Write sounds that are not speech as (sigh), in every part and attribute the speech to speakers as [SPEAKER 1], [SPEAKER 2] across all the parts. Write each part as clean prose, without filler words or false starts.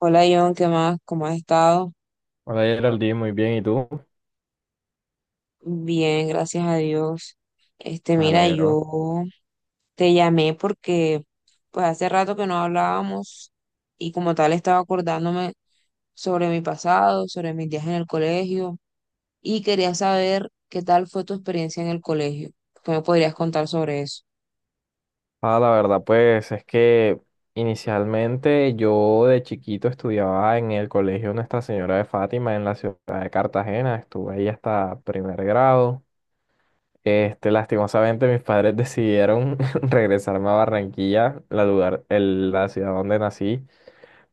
[SPEAKER 1] Hola John, ¿qué más? ¿Cómo has estado?
[SPEAKER 2] Hola Geraldine, muy bien, ¿y tú?
[SPEAKER 1] Bien, gracias a Dios. Este,
[SPEAKER 2] Me
[SPEAKER 1] mira,
[SPEAKER 2] alegro.
[SPEAKER 1] yo te llamé porque pues hace rato que no hablábamos y como tal estaba acordándome sobre mi pasado, sobre mis días en el colegio y quería saber qué tal fue tu experiencia en el colegio. ¿Qué me podrías contar sobre eso?
[SPEAKER 2] Ah, la verdad, pues es que inicialmente yo de chiquito estudiaba en el colegio Nuestra Señora de Fátima en la ciudad de Cartagena, estuve ahí hasta primer grado. Lastimosamente mis padres decidieron (laughs) regresarme a Barranquilla, la lugar, la ciudad donde nací.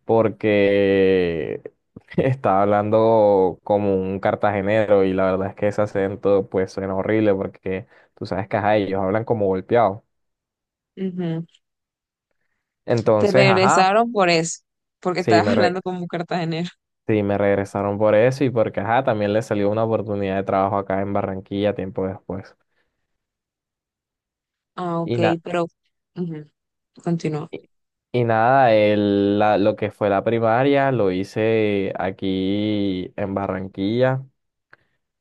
[SPEAKER 2] Porque (laughs) estaba hablando como un cartagenero y la verdad es que ese acento pues suena horrible porque tú sabes que ajá, ellos hablan como golpeados.
[SPEAKER 1] Ujú. Te
[SPEAKER 2] Entonces, ajá,
[SPEAKER 1] regresaron por eso, porque
[SPEAKER 2] sí
[SPEAKER 1] estabas (laughs)
[SPEAKER 2] me, re-
[SPEAKER 1] hablando como un cartagenero.
[SPEAKER 2] sí me regresaron por eso y porque ajá, también les salió una oportunidad de trabajo acá en Barranquilla tiempo después.
[SPEAKER 1] Ah, ok,
[SPEAKER 2] Y, na-
[SPEAKER 1] pero ujú, continúa.
[SPEAKER 2] y, y nada, lo que fue la primaria lo hice aquí en Barranquilla,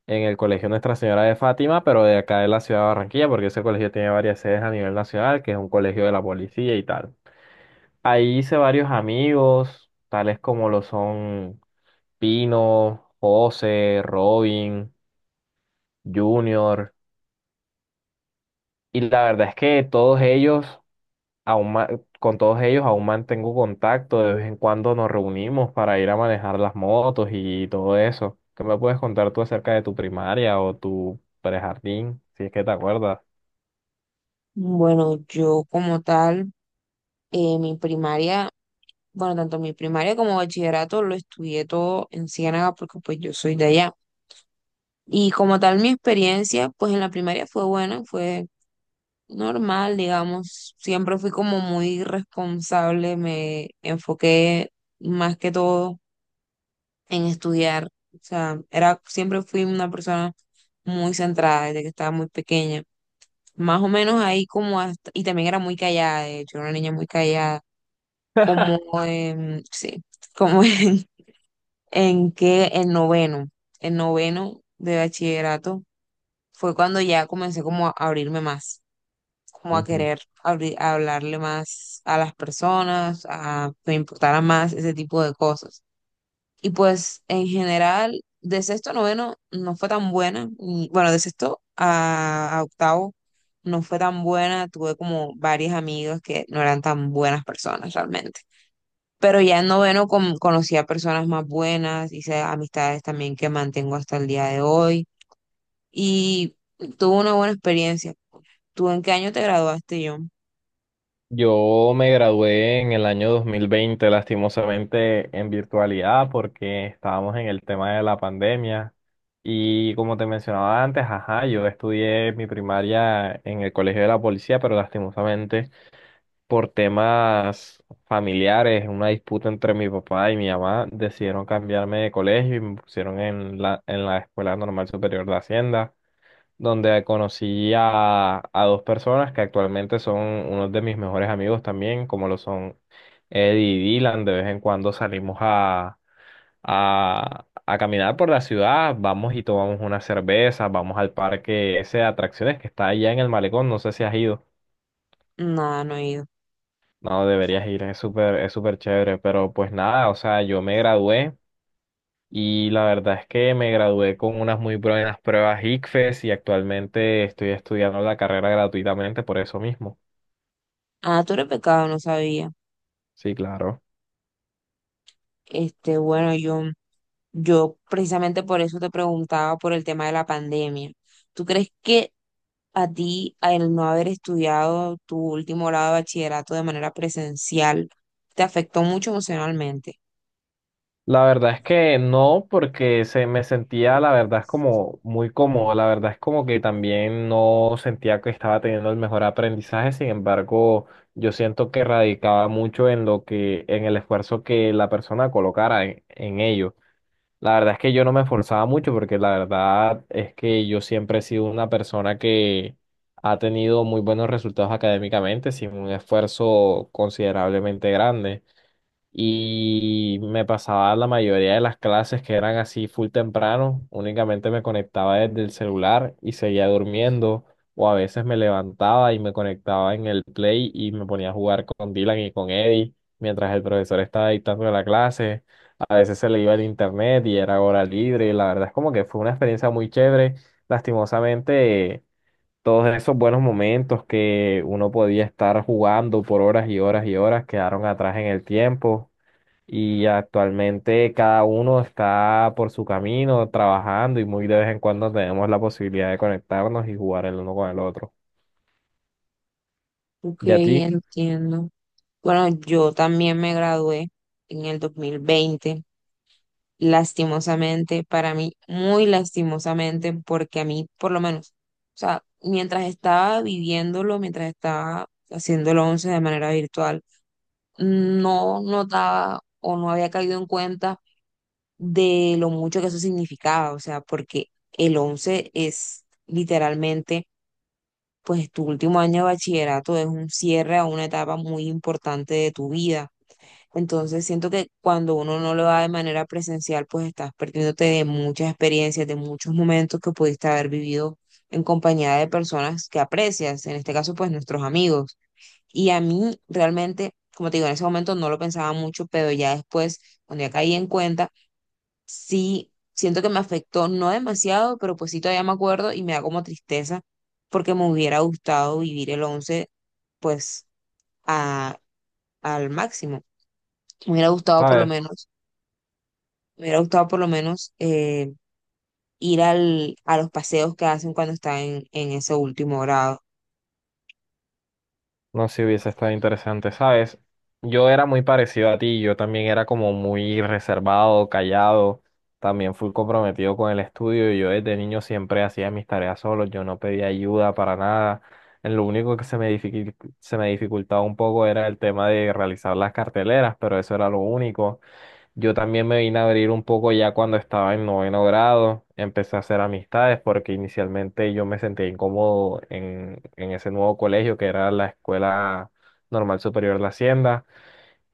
[SPEAKER 2] en el Colegio Nuestra Señora de Fátima, pero de acá de la ciudad de Barranquilla, porque ese colegio tiene varias sedes a nivel nacional, que es un colegio de la policía y tal. Ahí hice varios amigos, tales como lo son Pino, José, Robin, Junior, y la verdad es que todos ellos, aún ma- con todos ellos aún mantengo contacto, de vez en cuando nos reunimos para ir a manejar las motos y todo eso. ¿Qué me puedes contar tú acerca de tu primaria o tu prejardín, si es que te acuerdas?
[SPEAKER 1] Bueno, yo como tal. Mi primaria, bueno, tanto mi primaria como bachillerato lo estudié todo en Ciénaga porque pues yo soy de allá. Y como tal mi experiencia, pues en la primaria fue buena, fue normal, digamos. Siempre fui como muy responsable, me enfoqué más que todo en estudiar. O sea, era, siempre fui una persona muy centrada desde que estaba muy pequeña. Más o menos ahí como hasta, y también era muy callada, de hecho, era una niña muy callada como en, sí, como (laughs) en que el noveno de bachillerato fue cuando ya comencé como a abrirme más, como a querer abrir, a hablarle más a las personas, a que me importara más ese tipo de cosas. Y pues en general, de sexto a noveno no fue tan buena, y, bueno, de sexto a octavo no fue tan buena, tuve como varias amigas que no eran tan buenas personas realmente. Pero ya en noveno conocí a personas más buenas, hice amistades también que mantengo hasta el día de hoy y tuve una buena experiencia. ¿Tú en qué año te graduaste, John?
[SPEAKER 2] Yo me gradué en el año 2020, lastimosamente en virtualidad, porque estábamos en el tema de la pandemia. Y como te mencionaba antes, ajá, yo estudié mi primaria en el Colegio de la Policía, pero lastimosamente por temas familiares, una disputa entre mi papá y mi mamá, decidieron cambiarme de colegio y me pusieron en la Escuela Normal Superior de Hacienda, donde conocí a dos personas que actualmente son unos de mis mejores amigos también, como lo son Eddie y Dylan. De vez en cuando salimos a caminar por la ciudad, vamos y tomamos una cerveza, vamos al parque ese de atracciones que está allá en el malecón, no sé si has ido.
[SPEAKER 1] No, no he ido.
[SPEAKER 2] No, deberías ir, es súper chévere, pero pues nada, o sea, yo me gradué y la verdad es que me gradué con unas muy buenas pruebas ICFES y actualmente estoy estudiando la carrera gratuitamente por eso mismo.
[SPEAKER 1] Ah, tú eres pecado, no sabía.
[SPEAKER 2] Sí, claro.
[SPEAKER 1] Este, bueno, John, yo precisamente por eso te preguntaba por el tema de la pandemia. ¿Tú crees que a ti, al no haber estudiado tu último grado de bachillerato de manera presencial, te afectó mucho emocionalmente?
[SPEAKER 2] La verdad es que no, porque se me sentía, la verdad, es como muy cómodo. La verdad es como que también no sentía que estaba teniendo el mejor aprendizaje. Sin embargo, yo siento que radicaba mucho en lo que, en el esfuerzo que la persona colocara en ello. La verdad es que yo no me esforzaba mucho porque la verdad es que yo siempre he sido una persona que ha tenido muy buenos resultados académicamente sin un esfuerzo considerablemente grande. Y me pasaba la mayoría de las clases que eran así full temprano, únicamente me conectaba desde el celular y seguía durmiendo, o a veces me levantaba y me conectaba en el Play y me ponía a jugar con Dylan y con Eddie mientras el profesor estaba dictando la clase. A veces se le iba el internet y era hora libre, y la verdad es como que fue una experiencia muy chévere. Lastimosamente, todos esos buenos momentos que uno podía estar jugando por horas y horas y horas quedaron atrás en el tiempo. Y actualmente cada uno está por su camino, trabajando, y muy de vez en cuando tenemos la posibilidad de conectarnos y jugar el uno con el otro.
[SPEAKER 1] Ok,
[SPEAKER 2] ¿Y a ti?
[SPEAKER 1] entiendo. Bueno, yo también me gradué en el 2020. Lastimosamente, para mí, muy lastimosamente, porque a mí, por lo menos, o sea, mientras estaba viviéndolo, mientras estaba haciendo haciéndolo 11 de manera virtual, no notaba o no había caído en cuenta de lo mucho que eso significaba, o sea, porque el 11 es literalmente pues tu último año de bachillerato es un cierre a una etapa muy importante de tu vida. Entonces siento que cuando uno no lo da de manera presencial, pues estás perdiéndote de muchas experiencias, de muchos momentos que pudiste haber vivido en compañía de personas que aprecias, en este caso pues nuestros amigos. Y a mí realmente, como te digo, en ese momento no lo pensaba mucho, pero ya después, cuando ya caí en cuenta, sí siento que me afectó, no demasiado, pero pues sí todavía me acuerdo y me da como tristeza porque me hubiera gustado vivir el 11 pues a, al máximo. Me hubiera gustado por lo
[SPEAKER 2] ¿Sabes?
[SPEAKER 1] menos, me hubiera gustado por lo menos ir al, a los paseos que hacen cuando están en ese último grado.
[SPEAKER 2] No sé si hubiese estado interesante, ¿sabes? Yo era muy parecido a ti, yo también era como muy reservado, callado, también fui comprometido con el estudio y yo desde niño siempre hacía mis tareas solo, yo no pedía ayuda para nada. En lo único que se me dificultaba un poco era el tema de realizar las carteleras, pero eso era lo único. Yo también me vine a abrir un poco ya cuando estaba en noveno grado, empecé a hacer amistades porque inicialmente yo me sentía incómodo en ese nuevo colegio que era la Escuela Normal Superior de la Hacienda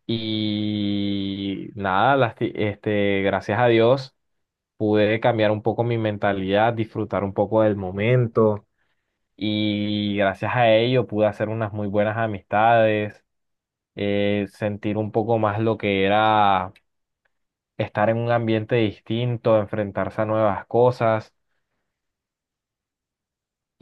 [SPEAKER 2] y nada, gracias a Dios pude cambiar un poco mi mentalidad, disfrutar un poco del momento, y gracias a ello pude hacer unas muy buenas amistades, sentir un poco más lo que era estar en un ambiente distinto, enfrentarse a nuevas cosas.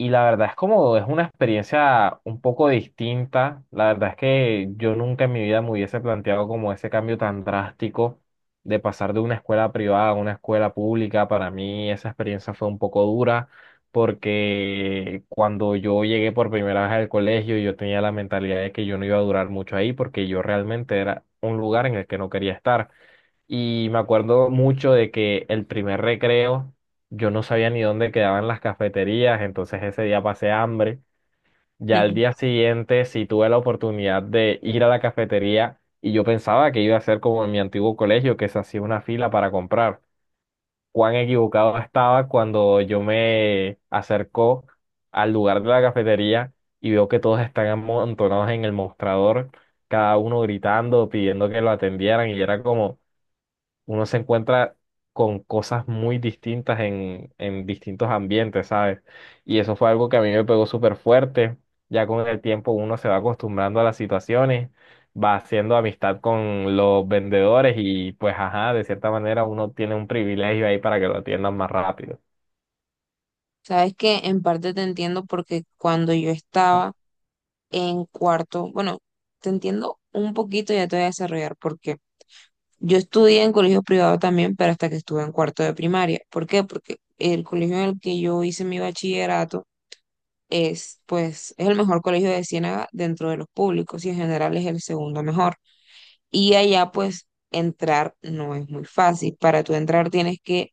[SPEAKER 2] Y la verdad es como es una experiencia un poco distinta. La verdad es que yo nunca en mi vida me hubiese planteado como ese cambio tan drástico de pasar de una escuela privada a una escuela pública. Para mí esa experiencia fue un poco dura porque cuando yo llegué por primera vez al colegio yo tenía la mentalidad de que yo no iba a durar mucho ahí porque yo realmente era un lugar en el que no quería estar. Y me acuerdo mucho de que el primer recreo yo no sabía ni dónde quedaban las cafeterías, entonces ese día pasé hambre. Ya al día
[SPEAKER 1] (laughs)
[SPEAKER 2] siguiente sí tuve la oportunidad de ir a la cafetería y yo pensaba que iba a ser como en mi antiguo colegio, que se hacía una fila para comprar. Cuán equivocado estaba cuando yo me acercó al lugar de la cafetería y veo que todos están amontonados en el mostrador, cada uno gritando, pidiendo que lo atendieran, y era como uno se encuentra con cosas muy distintas en distintos ambientes, ¿sabes? Y eso fue algo que a mí me pegó súper fuerte. Ya con el tiempo uno se va acostumbrando a las situaciones, va haciendo amistad con los vendedores y pues ajá, de cierta manera uno tiene un privilegio ahí para que lo atiendan más rápido.
[SPEAKER 1] Sabes que en parte te entiendo porque cuando yo estaba en cuarto, bueno, te entiendo un poquito, ya te voy a desarrollar porque yo estudié en colegio privado también, pero hasta que estuve en cuarto de primaria. ¿Por qué? Porque el colegio en el que yo hice mi bachillerato es, pues, es el mejor colegio de Ciénaga dentro de los públicos y en general es el segundo mejor. Y allá, pues, entrar no es muy fácil. Para tú entrar tienes que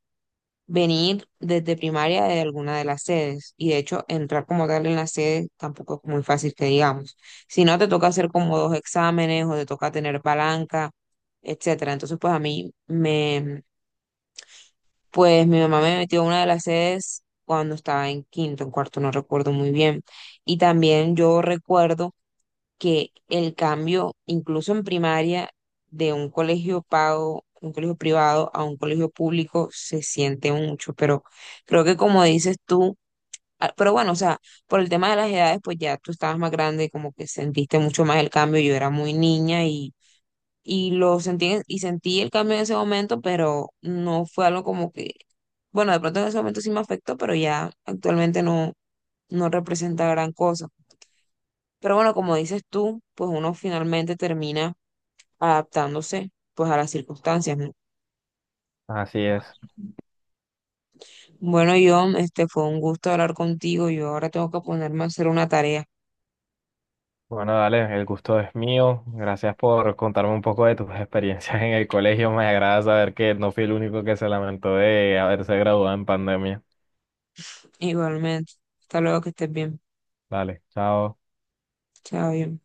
[SPEAKER 1] venir desde primaria de alguna de las sedes. Y de hecho, entrar como tal en la sede tampoco es muy fácil que digamos. Si no, te toca hacer como dos exámenes o te toca tener palanca, etcétera. Entonces, pues a mí me, pues mi mamá me metió a una de las sedes cuando estaba en quinto, en cuarto, no recuerdo muy bien. Y también yo recuerdo que el cambio, incluso en primaria, de un colegio pago, un colegio privado a un colegio público se siente mucho, pero creo que como dices tú, ah, pero bueno, o sea, por el tema de las edades, pues ya tú estabas más grande, como que sentiste mucho más el cambio, yo era muy niña y lo sentí, y sentí el cambio en ese momento, pero no fue algo como que, bueno, de pronto en ese momento sí me afectó, pero ya actualmente no representa gran cosa. Pero bueno, como dices tú, pues uno finalmente termina adaptándose pues a las circunstancias, ¿no?
[SPEAKER 2] Así es.
[SPEAKER 1] Bueno, John, este fue un gusto hablar contigo. Yo ahora tengo que ponerme a hacer una tarea.
[SPEAKER 2] Bueno, dale, el gusto es mío. Gracias por contarme un poco de tus (laughs) experiencias en el colegio. Me agrada saber que no fui el único que se lamentó de haberse graduado en pandemia.
[SPEAKER 1] Igualmente. Hasta luego, que estés bien.
[SPEAKER 2] Vale, chao.
[SPEAKER 1] Chao, John.